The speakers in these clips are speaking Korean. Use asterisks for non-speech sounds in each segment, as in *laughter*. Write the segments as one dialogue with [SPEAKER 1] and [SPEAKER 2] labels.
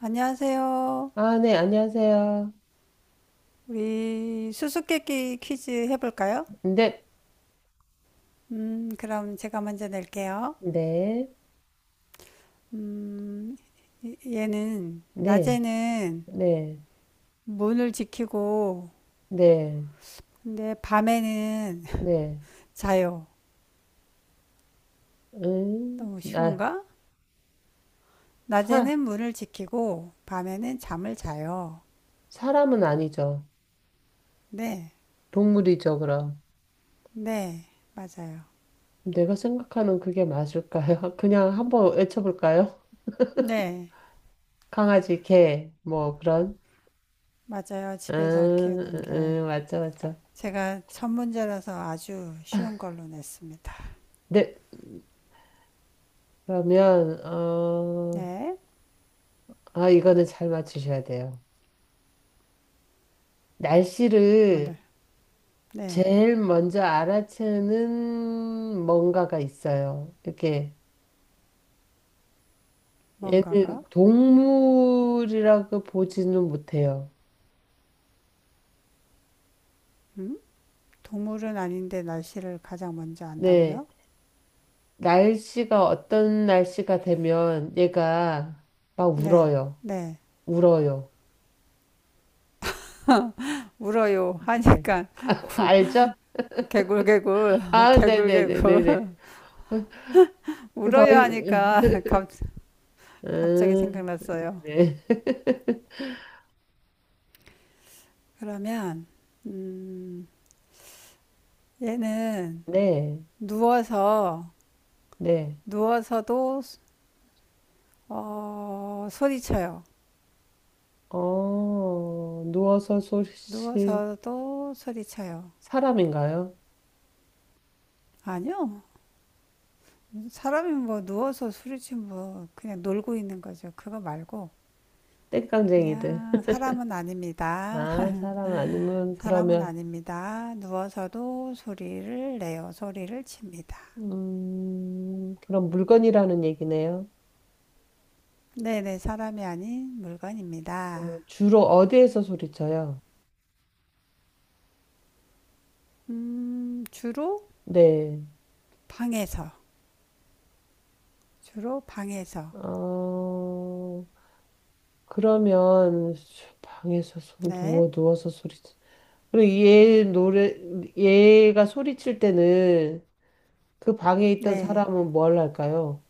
[SPEAKER 1] 안녕하세요.
[SPEAKER 2] 아, 네, 안녕하세요.
[SPEAKER 1] 우리 수수께끼 퀴즈 해볼까요?
[SPEAKER 2] 네,
[SPEAKER 1] 그럼 제가 먼저 낼게요.
[SPEAKER 2] 네,
[SPEAKER 1] 음, 얘는
[SPEAKER 2] 네,
[SPEAKER 1] 낮에는
[SPEAKER 2] 네,
[SPEAKER 1] 문을 지키고,
[SPEAKER 2] 네,
[SPEAKER 1] 근데 밤에는 *laughs*
[SPEAKER 2] 네.
[SPEAKER 1] 자요.
[SPEAKER 2] 음,
[SPEAKER 1] 너무
[SPEAKER 2] 아,
[SPEAKER 1] 쉬운가?
[SPEAKER 2] 사,
[SPEAKER 1] 낮에는 문을 지키고, 밤에는 잠을 자요.
[SPEAKER 2] 사람은 아니죠.
[SPEAKER 1] 네,
[SPEAKER 2] 동물이죠, 그럼.
[SPEAKER 1] 네, 맞아요.
[SPEAKER 2] 내가 생각하는 그게 맞을까요? *laughs* 그냥 한번 외쳐볼까요?
[SPEAKER 1] 네,
[SPEAKER 2] 강아지, 개, 뭐, 그런.
[SPEAKER 1] 맞아요. 집에서 키우는 게.
[SPEAKER 2] 맞죠, 맞죠.
[SPEAKER 1] 제가 첫 문제라서 아주 쉬운 걸로 냈습니다.
[SPEAKER 2] 네, 그러면,
[SPEAKER 1] 네,
[SPEAKER 2] 이거는 잘 맞추셔야 돼요.
[SPEAKER 1] 뭐
[SPEAKER 2] 날씨를
[SPEAKER 1] 네,
[SPEAKER 2] 제일 먼저 알아채는 뭔가가 있어요. 이렇게
[SPEAKER 1] 뭔가가.
[SPEAKER 2] 얘는 동물이라고 보지는 못해요.
[SPEAKER 1] 동물은 아닌데 날씨를 가장 먼저
[SPEAKER 2] 네.
[SPEAKER 1] 안다고요?
[SPEAKER 2] 날씨가 어떤 날씨가 되면 얘가 막
[SPEAKER 1] 네,
[SPEAKER 2] 울어요.
[SPEAKER 1] 네.
[SPEAKER 2] 울어요.
[SPEAKER 1] 울어요
[SPEAKER 2] 네.
[SPEAKER 1] 하니까
[SPEAKER 2] 알죠?
[SPEAKER 1] *laughs* 개굴개굴, *laughs*
[SPEAKER 2] 아,
[SPEAKER 1] 개굴개굴.
[SPEAKER 2] 네네네네네.
[SPEAKER 1] *laughs*
[SPEAKER 2] 그 더,
[SPEAKER 1] 울어요 하니까 *laughs* 갑,
[SPEAKER 2] *laughs*
[SPEAKER 1] 갑자기
[SPEAKER 2] 음,
[SPEAKER 1] 생각났어요.
[SPEAKER 2] 네. *laughs*
[SPEAKER 1] 그러면, 음, 얘는
[SPEAKER 2] 네.
[SPEAKER 1] 누워서,
[SPEAKER 2] 네.
[SPEAKER 1] 누워서도, 소리쳐요.
[SPEAKER 2] 누워서 소리칠
[SPEAKER 1] 누워서도 소리쳐요.
[SPEAKER 2] 사람인가요?
[SPEAKER 1] 아니요. 사람이 뭐 누워서 소리치면 뭐 그냥 놀고 있는 거죠. 그거 말고
[SPEAKER 2] 땡깡쟁이들.
[SPEAKER 1] 야, 사람은 아닙니다.
[SPEAKER 2] 아,
[SPEAKER 1] *laughs*
[SPEAKER 2] 사람 아니면
[SPEAKER 1] 사람은
[SPEAKER 2] 그러면
[SPEAKER 1] 아닙니다. 누워서도 소리를 내요. 소리를 칩니다.
[SPEAKER 2] 그럼 물건이라는 얘기네요.
[SPEAKER 1] 네네, 사람이 아닌 물건입니다.
[SPEAKER 2] 주로 어디에서 소리쳐요?
[SPEAKER 1] 주로
[SPEAKER 2] 네.
[SPEAKER 1] 방에서. 주로 방에서.
[SPEAKER 2] 어, 그러면 방에서 손
[SPEAKER 1] 네.
[SPEAKER 2] 누워 누워서 소리. 그리고 얘 노래 얘가 소리칠 때는 그 방에 있던
[SPEAKER 1] 네.
[SPEAKER 2] 사람은 뭘 할까요?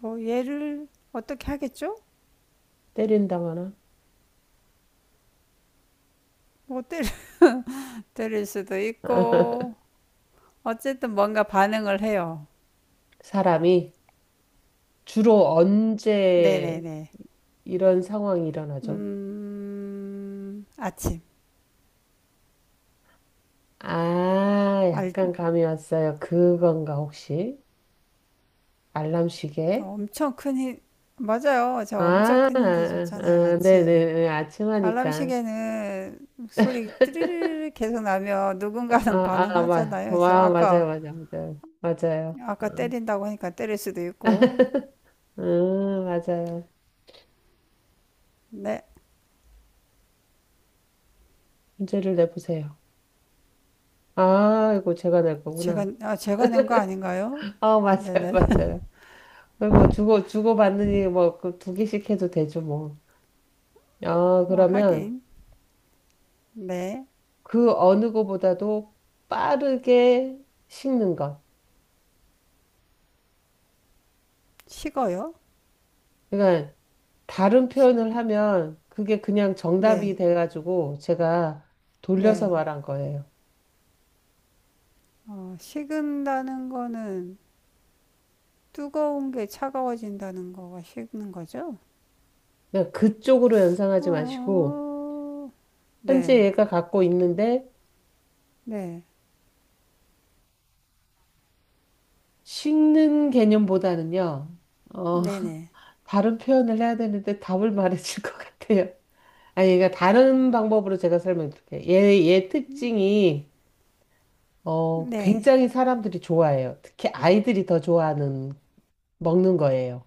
[SPEAKER 1] 뭐, 얘를 어떻게 하겠죠?
[SPEAKER 2] 때린다거나?
[SPEAKER 1] 뭐, 때릴, *laughs* 때릴 수도
[SPEAKER 2] *laughs*
[SPEAKER 1] 있고, 어쨌든 뭔가 반응을 해요.
[SPEAKER 2] 사람이 주로 언제
[SPEAKER 1] 네네네.
[SPEAKER 2] 이런 상황이 일어나죠?
[SPEAKER 1] 아침.
[SPEAKER 2] 아,
[SPEAKER 1] 알
[SPEAKER 2] 약간 감이 왔어요. 그건가, 혹시? 알람
[SPEAKER 1] 저
[SPEAKER 2] 시계?
[SPEAKER 1] 엄청 큰 힌, 맞아요.
[SPEAKER 2] 아,
[SPEAKER 1] 저 엄청
[SPEAKER 2] 아,
[SPEAKER 1] 큰 힌트 줬잖아요,
[SPEAKER 2] 아, 네네,
[SPEAKER 1] 아침.
[SPEAKER 2] 네, 아침
[SPEAKER 1] 알람
[SPEAKER 2] 하니까.
[SPEAKER 1] 시계는 소리 띠르르 계속 나면
[SPEAKER 2] 아,
[SPEAKER 1] 누군가는 *laughs*
[SPEAKER 2] 아,
[SPEAKER 1] 반응하잖아요. 그래서
[SPEAKER 2] 와, 맞아요,
[SPEAKER 1] 아까,
[SPEAKER 2] 맞아요, 맞아요. 맞아요.
[SPEAKER 1] 아까 때린다고 하니까 때릴 수도 있고.
[SPEAKER 2] 맞아요.
[SPEAKER 1] 네.
[SPEAKER 2] 문제를 내보세요. 아이고, 제가 낼 거구나.
[SPEAKER 1] 제가 낸 거 아닌가요?
[SPEAKER 2] 아, *laughs* 맞아요,
[SPEAKER 1] 네네.
[SPEAKER 2] 맞아요. 거의 뭐, 주고받느니, 뭐, 그 두 개씩 해도 되죠, 뭐. 아,
[SPEAKER 1] 아,
[SPEAKER 2] 그러면
[SPEAKER 1] 하긴. 네.
[SPEAKER 2] 그 어느 거보다도 빠르게 식는 것.
[SPEAKER 1] 식어요?
[SPEAKER 2] 그러니까 다른 표현을 하면 그게 그냥 정답이
[SPEAKER 1] 네.
[SPEAKER 2] 돼가지고 제가 돌려서
[SPEAKER 1] 네.
[SPEAKER 2] 말한 거예요.
[SPEAKER 1] 식은다는 거는 뜨거운 게 차가워진다는 거가 식는 거죠?
[SPEAKER 2] 그쪽으로 연상하지 마시고,
[SPEAKER 1] 어,
[SPEAKER 2] 현재
[SPEAKER 1] 네.
[SPEAKER 2] 얘가 갖고 있는데,
[SPEAKER 1] 네,
[SPEAKER 2] 식는 개념보다는요, 어, *laughs*
[SPEAKER 1] 네네,
[SPEAKER 2] 다른 표현을 해야 되는데 답을 말해줄 것 같아요. 아니, 그러니까 다른 방법으로 제가 설명드릴게요. 얘 특징이,
[SPEAKER 1] 네.
[SPEAKER 2] 굉장히 사람들이 좋아해요. 특히 아이들이 더 좋아하는, 먹는 거예요.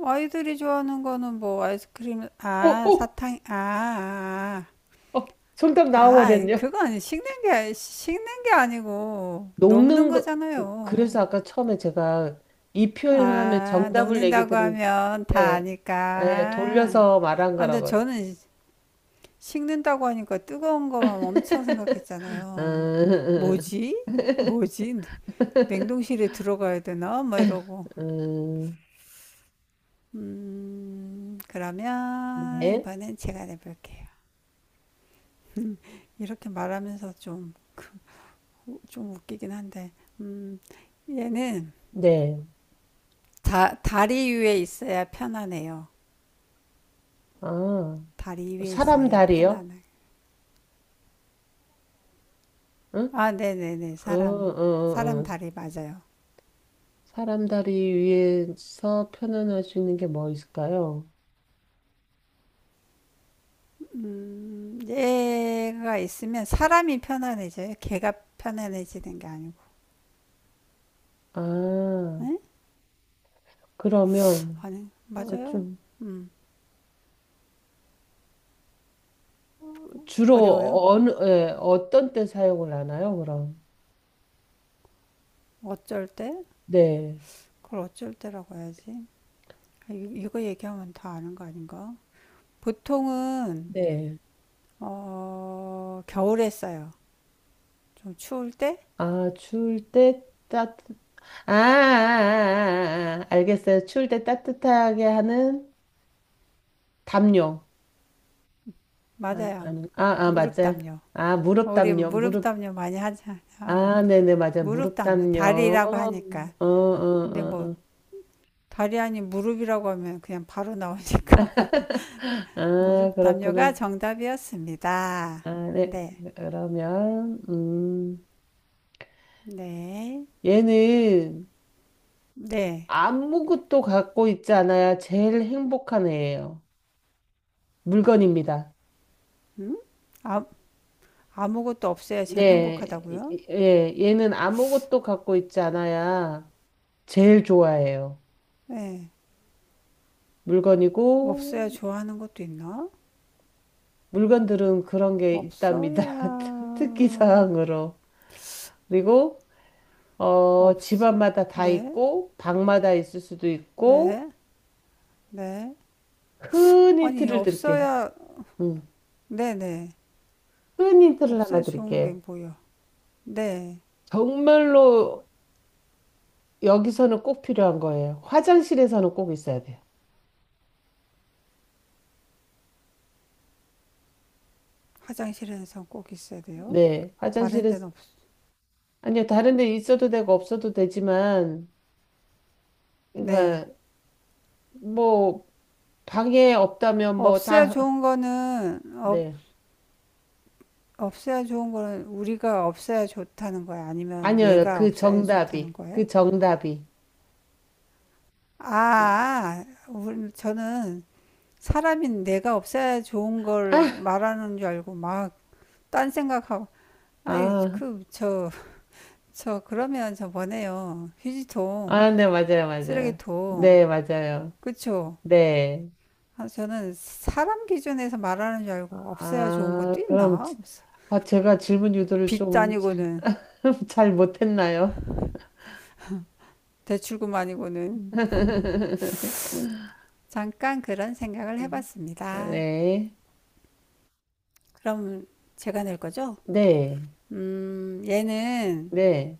[SPEAKER 1] 아이들이 좋아하는 거는 뭐 아이스크림,
[SPEAKER 2] 어,
[SPEAKER 1] 아,
[SPEAKER 2] 어,
[SPEAKER 1] 사탕, 아, 아,
[SPEAKER 2] 어, 정답
[SPEAKER 1] 아,
[SPEAKER 2] 나와버렸네요.
[SPEAKER 1] 그건 식는 게 아니고 녹는
[SPEAKER 2] 녹는 거,
[SPEAKER 1] 거잖아요.
[SPEAKER 2] 그래서 아까 처음에 제가 이 표현을 하면
[SPEAKER 1] 아,
[SPEAKER 2] 정답을 얘기
[SPEAKER 1] 녹는다고
[SPEAKER 2] 들은,
[SPEAKER 1] 하면 다
[SPEAKER 2] 예, 예,
[SPEAKER 1] 아니까.
[SPEAKER 2] 돌려서 말한
[SPEAKER 1] 아, 근데
[SPEAKER 2] 거라고요.
[SPEAKER 1] 저는 식는다고 하니까 뜨거운 거만 엄청
[SPEAKER 2] *laughs*
[SPEAKER 1] 생각했잖아요.
[SPEAKER 2] 음,
[SPEAKER 1] 뭐지?
[SPEAKER 2] *laughs*
[SPEAKER 1] 뭐지? 냉동실에 들어가야 되나? 막 이러고.
[SPEAKER 2] 음,
[SPEAKER 1] 그러면
[SPEAKER 2] 네,
[SPEAKER 1] 이번엔 제가 내볼게요. 이렇게 말하면서 좀, 좀 웃기긴 한데, 음, 얘는
[SPEAKER 2] 네.
[SPEAKER 1] 다리 위에 있어야 편안해요.
[SPEAKER 2] 아,
[SPEAKER 1] 다리 위에
[SPEAKER 2] 사람
[SPEAKER 1] 있어야
[SPEAKER 2] 다리요?
[SPEAKER 1] 편안해.
[SPEAKER 2] 응?
[SPEAKER 1] 아, 네네네.
[SPEAKER 2] 어,
[SPEAKER 1] 사람.
[SPEAKER 2] 어,
[SPEAKER 1] 사람
[SPEAKER 2] 어.
[SPEAKER 1] 다리 맞아요.
[SPEAKER 2] 사람 다리 위에서 표현할 수 있는 게 뭐 있을까요?
[SPEAKER 1] 얘가 있으면 사람이 편안해져요. 걔가 편안해지는 게 아니고.
[SPEAKER 2] 아,
[SPEAKER 1] 응?
[SPEAKER 2] 그러면
[SPEAKER 1] 아니, 맞아요.
[SPEAKER 2] 좀
[SPEAKER 1] 음, 어려워요.
[SPEAKER 2] 주로 예, 어떤 때 사용을 하나요, 그럼?
[SPEAKER 1] 어쩔 때?
[SPEAKER 2] 네.
[SPEAKER 1] 그걸 어쩔 때라고 해야지. 아, 이- 거 얘기하면 다 아는 거 아닌가? 보통은
[SPEAKER 2] 네.
[SPEAKER 1] 겨울에 써요. 좀 추울 때?
[SPEAKER 2] 아, 추울 때 아, 아, 아, 아, 아. 알겠어요. 추울 때 따뜻하게 하는 담요. 아,
[SPEAKER 1] 맞아요.
[SPEAKER 2] 아니, 아, 아,
[SPEAKER 1] 무릎
[SPEAKER 2] 맞아요.
[SPEAKER 1] 담요.
[SPEAKER 2] 아, 무릎
[SPEAKER 1] 우리
[SPEAKER 2] 담요,
[SPEAKER 1] 무릎
[SPEAKER 2] 무릎.
[SPEAKER 1] 담요 많이 하잖아.
[SPEAKER 2] 아, 네네, 맞아요.
[SPEAKER 1] 무릎
[SPEAKER 2] 무릎
[SPEAKER 1] 담요.
[SPEAKER 2] 담요. 어,
[SPEAKER 1] 다리라고 하니까.
[SPEAKER 2] 어,
[SPEAKER 1] 근데
[SPEAKER 2] 어,
[SPEAKER 1] 뭐
[SPEAKER 2] 어.
[SPEAKER 1] 다리 아닌 무릎이라고 하면 그냥 바로 나오니까. *laughs*
[SPEAKER 2] *laughs* 아,
[SPEAKER 1] 무릎 담요가
[SPEAKER 2] 그렇구나.
[SPEAKER 1] 정답이었습니다.
[SPEAKER 2] 아, 네.
[SPEAKER 1] 네.
[SPEAKER 2] 그러면,
[SPEAKER 1] 네.
[SPEAKER 2] 얘는
[SPEAKER 1] 네.
[SPEAKER 2] 아무것도 갖고 있지 않아야 제일 행복한 애예요. 물건입니다.
[SPEAKER 1] 음? 아, 아무것도 없어야 제일
[SPEAKER 2] 네,
[SPEAKER 1] 행복하다고요?
[SPEAKER 2] 예, 얘는 아무것도 갖고 있지 않아야 제일 좋아해요.
[SPEAKER 1] 네. 없어야
[SPEAKER 2] 물건이고,
[SPEAKER 1] 좋아하는 것도 있나?
[SPEAKER 2] 물건들은 그런 게
[SPEAKER 1] 없어야
[SPEAKER 2] 있답니다. *laughs* 특기 사항으로. 그리고,
[SPEAKER 1] 없
[SPEAKER 2] 집안마다 다
[SPEAKER 1] 네,
[SPEAKER 2] 있고, 방마다 있을 수도 있고,
[SPEAKER 1] 네, 네.
[SPEAKER 2] 큰
[SPEAKER 1] 아니
[SPEAKER 2] 힌트를 드릴게요.
[SPEAKER 1] 없어야
[SPEAKER 2] 음,
[SPEAKER 1] 네, 네.
[SPEAKER 2] 큰 힌트를
[SPEAKER 1] 없어야
[SPEAKER 2] 하나
[SPEAKER 1] 좋은 게
[SPEAKER 2] 드릴게요.
[SPEAKER 1] 뭐야? 네.
[SPEAKER 2] 정말로 여기서는 꼭 필요한 거예요. 화장실에서는 꼭 있어야 돼요.
[SPEAKER 1] 화장실에서 꼭 있어야 돼요.
[SPEAKER 2] 네,
[SPEAKER 1] 다른
[SPEAKER 2] 화장실에,
[SPEAKER 1] 데는 없.
[SPEAKER 2] 아니요, 다른 데 있어도 되고 없어도 되지만,
[SPEAKER 1] 네.
[SPEAKER 2] 그러니까 뭐 방에 없다면 뭐
[SPEAKER 1] 없어야
[SPEAKER 2] 다,
[SPEAKER 1] 좋은 거는 없
[SPEAKER 2] 네.
[SPEAKER 1] 없어야 좋은 거는 우리가 없어야 좋다는 거야? 아니면
[SPEAKER 2] 아니요,
[SPEAKER 1] 얘가 없어야 좋다는 거예요?
[SPEAKER 2] 그 정답이.
[SPEAKER 1] 아, 저는 사람인 내가 없어야 좋은 걸
[SPEAKER 2] 아,
[SPEAKER 1] 말하는 줄 알고 막 딴 생각하고 아이,
[SPEAKER 2] 아,
[SPEAKER 1] 그러면 저번에요. 휴지통,
[SPEAKER 2] 아, 네, 맞아요, 맞아요.
[SPEAKER 1] 쓰레기통,
[SPEAKER 2] 네, 맞아요.
[SPEAKER 1] 그쵸?
[SPEAKER 2] 네.
[SPEAKER 1] 아, 저는 사람 기준에서 말하는 줄 알고 없어야 좋은
[SPEAKER 2] 아,
[SPEAKER 1] 것도
[SPEAKER 2] 그럼
[SPEAKER 1] 있나? 없어.
[SPEAKER 2] 아, 제가 질문 유도를
[SPEAKER 1] 빚
[SPEAKER 2] 좀 잘
[SPEAKER 1] 아니고는,
[SPEAKER 2] *laughs* 잘 못했나요?
[SPEAKER 1] 대출금 아니고는.
[SPEAKER 2] *laughs*
[SPEAKER 1] 잠깐 그런 생각을 해봤습니다.
[SPEAKER 2] 네,
[SPEAKER 1] 그럼 제가 낼 거죠?
[SPEAKER 2] 네,
[SPEAKER 1] 얘는,
[SPEAKER 2] 네,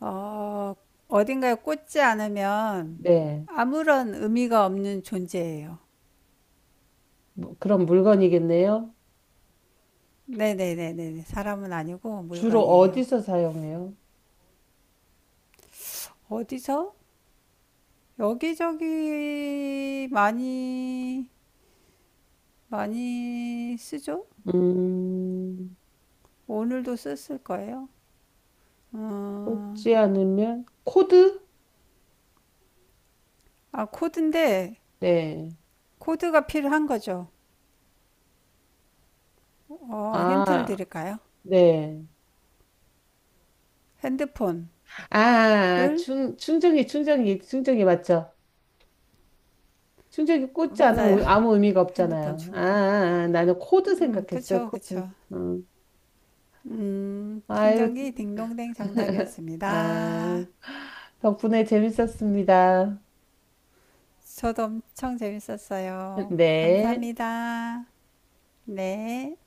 [SPEAKER 1] 어, 어딘가에 꽂지 않으면
[SPEAKER 2] 네.
[SPEAKER 1] 아무런 의미가 없는 존재예요.
[SPEAKER 2] 뭐, 그럼 물건이겠네요.
[SPEAKER 1] 네네네네. 사람은 아니고
[SPEAKER 2] 주로
[SPEAKER 1] 물건이에요.
[SPEAKER 2] 어디서 사용해요?
[SPEAKER 1] 어디서? 여기저기 많이, 많이 쓰죠?
[SPEAKER 2] 음.
[SPEAKER 1] 오늘도 썼을 거예요. 어,
[SPEAKER 2] 꽂지 않으면 코드?
[SPEAKER 1] 아, 코드인데,
[SPEAKER 2] 네.
[SPEAKER 1] 코드가 필요한 거죠. 힌트를
[SPEAKER 2] 아,
[SPEAKER 1] 드릴까요?
[SPEAKER 2] 네.
[SPEAKER 1] 핸드폰을,
[SPEAKER 2] 아, 충전기, 충전기, 충전기 맞죠? 충전기 꽂지 않으면
[SPEAKER 1] 맞아요.
[SPEAKER 2] 아무 의미가
[SPEAKER 1] *laughs* 핸드폰
[SPEAKER 2] 없잖아요. 아,
[SPEAKER 1] 충,
[SPEAKER 2] 아, 아, 나는 코드 생각했어요,
[SPEAKER 1] 그쵸, 그쵸.
[SPEAKER 2] 코드. 음. 아이고,
[SPEAKER 1] 충전기 딩동댕
[SPEAKER 2] 아,
[SPEAKER 1] 정답이었습니다.
[SPEAKER 2] 덕분에 재밌었습니다.
[SPEAKER 1] 저도 엄청 재밌었어요.
[SPEAKER 2] 네.
[SPEAKER 1] 감사합니다. 네.